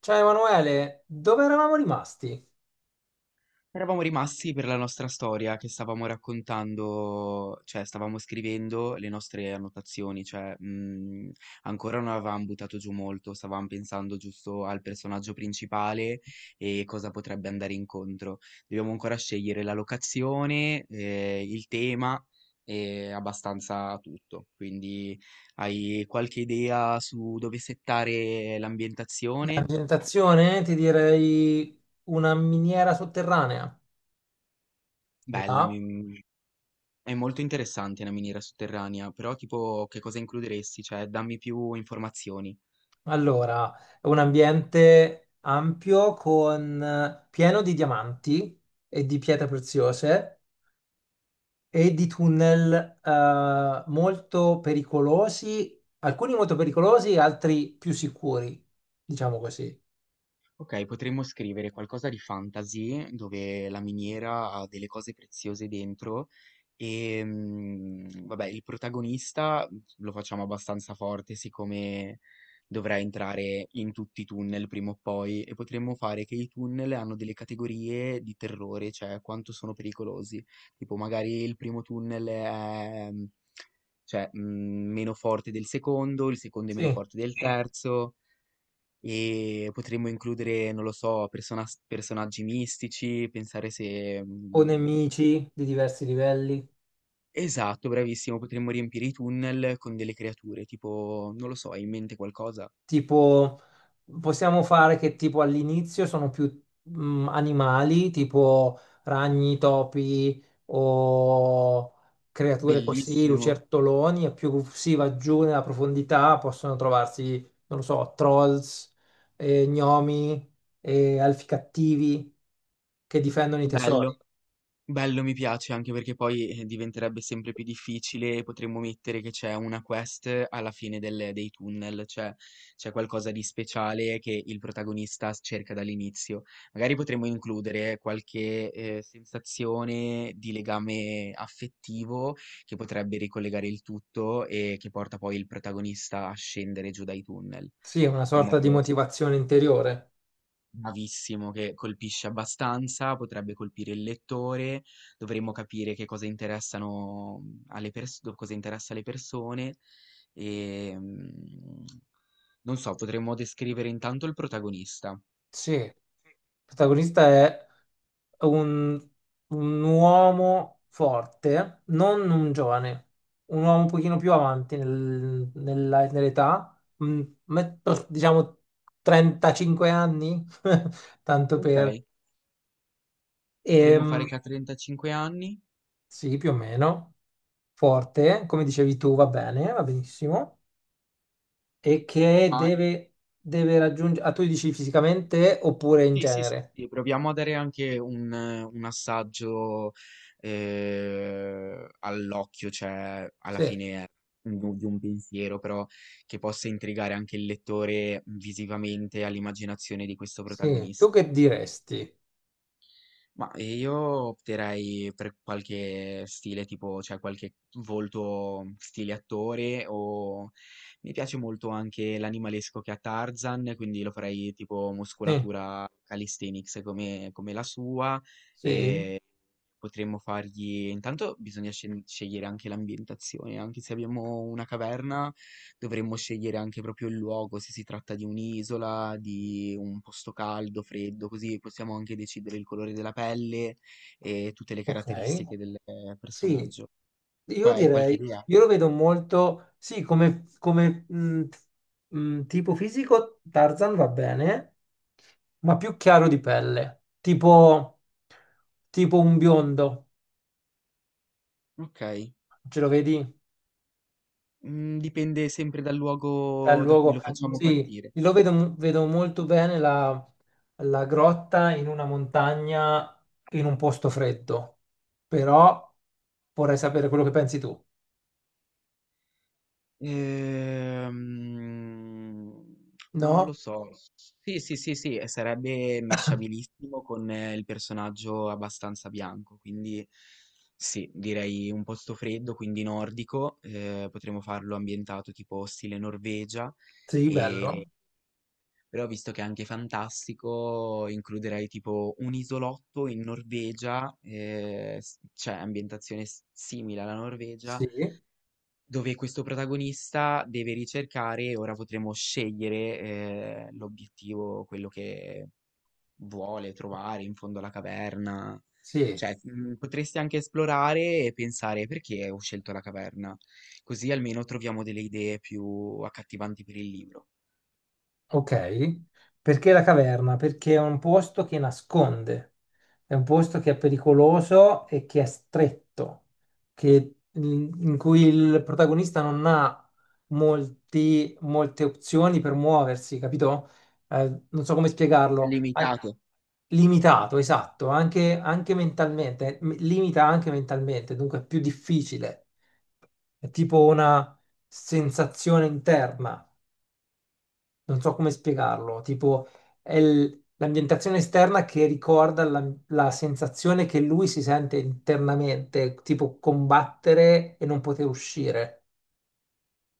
Ciao Emanuele, dove eravamo rimasti? Eravamo rimasti per la nostra storia che stavamo raccontando, cioè stavamo scrivendo le nostre annotazioni, cioè ancora non avevamo buttato giù molto, stavamo pensando giusto al personaggio principale e cosa potrebbe andare incontro. Dobbiamo ancora scegliere la locazione, il tema e abbastanza tutto. Quindi hai qualche idea su dove settare La l'ambientazione? presentazione, ti direi una miniera sotterranea. Ti va? Bella, è molto interessante una miniera sotterranea, però tipo che cosa includeresti? Cioè, dammi più informazioni. Allora, è un ambiente ampio con pieno di diamanti e di pietre preziose e di tunnel molto pericolosi, alcuni molto pericolosi, altri più sicuri, diciamo così. Ok, potremmo scrivere qualcosa di fantasy dove la miniera ha delle cose preziose dentro e vabbè, il protagonista lo facciamo abbastanza forte, siccome dovrà entrare in tutti i tunnel prima o poi, e potremmo fare che i tunnel hanno delle categorie di terrore, cioè quanto sono pericolosi. Tipo magari il primo tunnel è cioè, meno forte del secondo, il secondo è meno Sì, forte del terzo. E potremmo includere, non lo so, personaggi mistici, pensare se, o nemici di diversi livelli. esatto, bravissimo, potremmo riempire i tunnel con delle creature, tipo, non lo so, hai in mente qualcosa? Tipo, possiamo fare che tipo all'inizio sono più animali, tipo ragni, topi o creature così, Bellissimo, lucertoloni, e più si va giù nella profondità possono trovarsi, non lo so, trolls, gnomi, alfi cattivi che difendono i tesori. bello. Bello, mi piace, anche perché poi, diventerebbe sempre più difficile, e potremmo mettere che c'è una quest alla fine del dei tunnel, cioè c'è qualcosa di speciale che il protagonista s cerca dall'inizio. Magari potremmo includere qualche, sensazione di legame affettivo che potrebbe ricollegare il tutto e che porta poi il protagonista a scendere giù dai tunnel, Sì, è una in sorta di modo. motivazione interiore. Bravissimo, che colpisce abbastanza, potrebbe colpire il lettore, dovremmo capire che cosa interessano alle persone, cosa interessa alle persone e non so, potremmo descrivere intanto il protagonista, Sì, il protagonista è un, un uomo forte, non un giovane, un uomo un pochino più avanti nell'età, diciamo 35 anni, tanto ok? per... Potremmo fare Ehm, che ha 35 anni, sì, più o meno, forte, come dicevi tu, va bene, va benissimo, e che ma deve, deve raggiungere... Ah, tu dici fisicamente oppure in sì, sì, sì, genere? sì, proviamo a dare anche un, assaggio all'occhio, cioè alla Sì. fine è di un pensiero, però che possa intrigare anche il lettore visivamente all'immaginazione di questo Sì, tu protagonista. che diresti? Ma io opterei per qualche stile tipo, cioè qualche volto stile attore, o mi piace molto anche l'animalesco che ha Tarzan, quindi lo farei tipo Sì, muscolatura calisthenics come la sua, sì, e potremmo fargli. Intanto bisogna scegliere anche l'ambientazione, anche se abbiamo una caverna. Dovremmo scegliere anche proprio il luogo, se si tratta di un'isola, di un posto caldo, freddo, così possiamo anche decidere il colore della pelle e tutte le ok. caratteristiche del Sì, personaggio. io Qua hai qualche direi, idea? io lo vedo molto, sì, come, tipo fisico Tarzan va bene, ma più chiaro di pelle, tipo, tipo un biondo, Ok, ce lo vedi? Dipende sempre dal Bel luogo da cui lo luogo, facciamo sì, partire. lo vedo, vedo molto bene la grotta in una montagna in un posto freddo, però vorrei sapere quello che pensi tu. Ehm, non No? lo so. Sì, sì, sì, sì, e sarebbe matchabilissimo con il personaggio abbastanza bianco, quindi sì, direi un posto freddo, quindi nordico, potremmo farlo ambientato tipo stile Norvegia, Sì, bello. e- però visto che è anche fantastico, includerei tipo un isolotto in Norvegia, cioè ambientazione simile alla Norvegia, Sì, dove questo protagonista deve ricercare. Ora potremo scegliere l'obiettivo, quello che vuole trovare in fondo alla caverna. sì. Cioè, potresti anche esplorare e pensare perché ho scelto la caverna, così almeno troviamo delle idee più accattivanti per il libro. Ok, perché la caverna? Perché è un posto che nasconde, è un posto che è pericoloso e che è stretto, che- in cui il protagonista non ha molte opzioni per muoversi, capito? Non so come È spiegarlo. An- limitato. Limitato, esatto, anche, anche mentalmente, limita anche mentalmente, dunque è più difficile. È tipo una sensazione interna, non so come spiegarlo, tipo è l'ambientazione esterna che ricorda la sensazione che lui si sente internamente, tipo combattere e non poter uscire.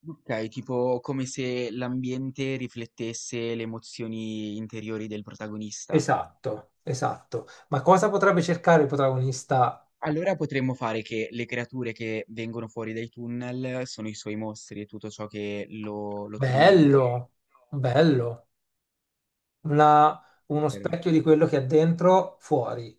Ok, tipo come se l'ambiente riflettesse le emozioni interiori del protagonista. Esatto, esatto. Ma cosa potrebbe cercare il protagonista? Allora potremmo fare che le creature che vengono fuori dai tunnel sono i suoi mostri e tutto ciò che lo tormenta. Bello, bello. Una- Uno Per- specchio di quello che ha dentro fuori.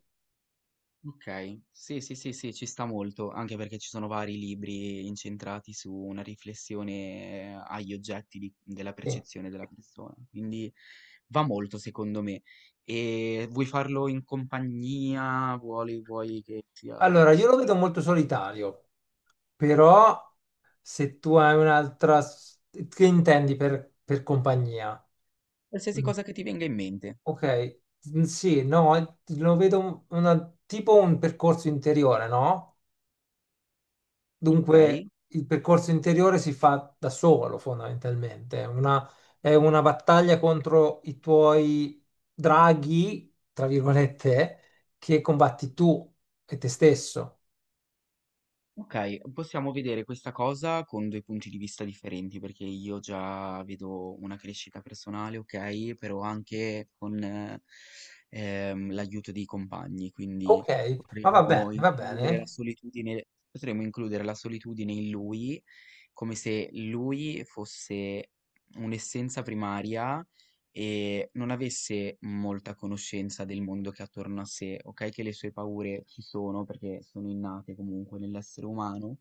Ok, sì, sì, sì, sì, ci sta molto, anche perché ci sono vari libri incentrati su una riflessione agli oggetti della Sì. percezione della persona. Quindi va molto, secondo me. E vuoi farlo in compagnia? Vuoi che sia Allora, da io lo solo? vedo molto solitario, però se tu hai un'altra... s- Che intendi per compagnia? Qualsiasi Mm. cosa che ti venga in mente, Ok. Sì, no, lo vedo tipo un percorso interiore, no? ok? Dunque, il percorso interiore si fa da solo, fondamentalmente. È una battaglia contro i tuoi draghi, tra virgolette, che combatti tu e te stesso. Ok, possiamo vedere questa cosa con due punti di vista differenti, perché io già vedo una crescita personale, ok, però anche con l'aiuto dei compagni, quindi Ok, ma va bene, potremmo va bene. includere la solitudine, potremmo includere la solitudine in lui, come se lui fosse un'essenza primaria e non avesse molta conoscenza del mondo che ha attorno a sé, ok, che le sue paure ci sono perché sono innate comunque nell'essere umano,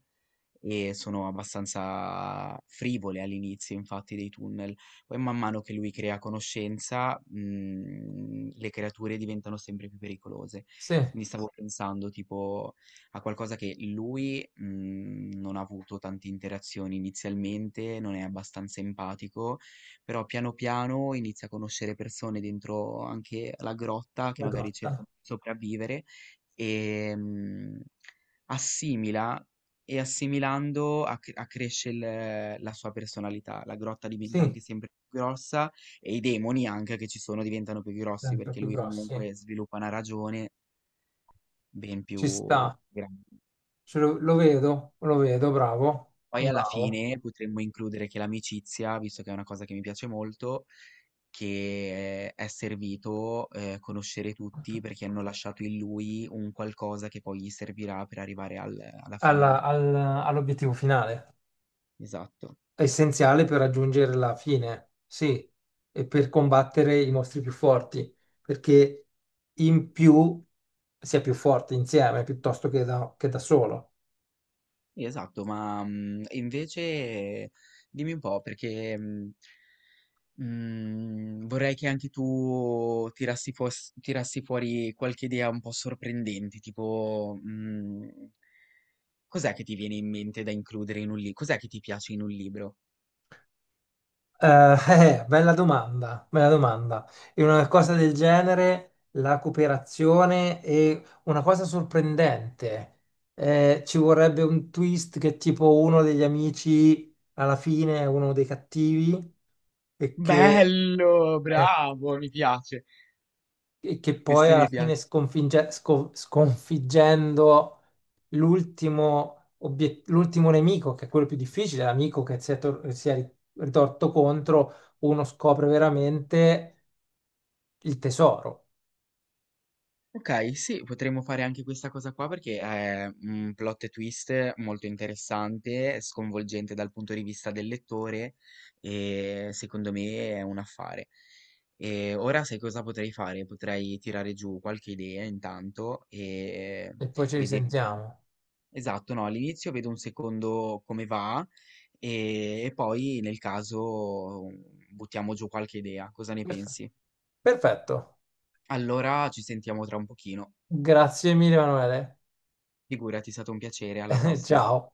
e sono abbastanza frivole all'inizio, infatti, dei tunnel. Poi man mano che lui crea conoscenza, le creature diventano sempre più pericolose. Sì, la Quindi stavo pensando tipo a qualcosa, che lui, non ha avuto tante interazioni inizialmente, non è abbastanza empatico, però piano piano inizia a conoscere persone dentro anche la grotta, che magari grotta. cercano di sopravvivere, e assimila, e assimilando accresce la sua personalità. La grotta diventa Sì, anche sempre più grossa, e i demoni anche che ci sono diventano più grossi, sempre perché più lui grossi. comunque sviluppa una ragione ben Ci più sta. grande. Ce lo vedo, bravo, Poi alla bravo. fine potremmo includere che l'amicizia, visto che è una cosa che mi piace molto, che è servito conoscere tutti, perché hanno lasciato in lui un qualcosa che poi gli servirà per arrivare alla fine Alla- del tuo. al- all'obiettivo finale, Esatto, è essenziale per raggiungere la fine, sì, e per combattere i mostri più forti, perché in più si è più forti insieme piuttosto che che da solo. sì, esatto, ma invece dimmi un po' perché vorrei che anche tu tirassi, tirassi fuori qualche idea un po' sorprendente, tipo, cos'è che ti viene in mente da includere in un li cos'è che ti piace in un libro? Bella domanda, bella domanda. In una cosa del genere, la cooperazione è una cosa sorprendente. Ci vorrebbe un twist che tipo uno degli amici alla fine è uno dei cattivi e che, Bello, eh, bravo, mi piace. e che poi Questo alla mi fine piace. Sconfiggendo l'ultimo nemico, che è quello più difficile, l'amico che si è ritorto contro, uno scopre veramente il tesoro. Okay, sì, potremmo fare anche questa cosa qua, perché è un plot twist molto interessante, sconvolgente dal punto di vista del lettore, e secondo me è un affare. E ora sai cosa potrei fare? Potrei tirare giù qualche idea intanto, e E poi ci vedere. risentiamo. Esatto, no, all'inizio vedo un secondo come va, e poi nel caso buttiamo giù qualche idea, cosa ne Perf- pensi? Perfetto. Allora ci sentiamo tra un pochino. Grazie mille, Emanuele. Figurati, è stato un piacere, alla prossima. Ciao.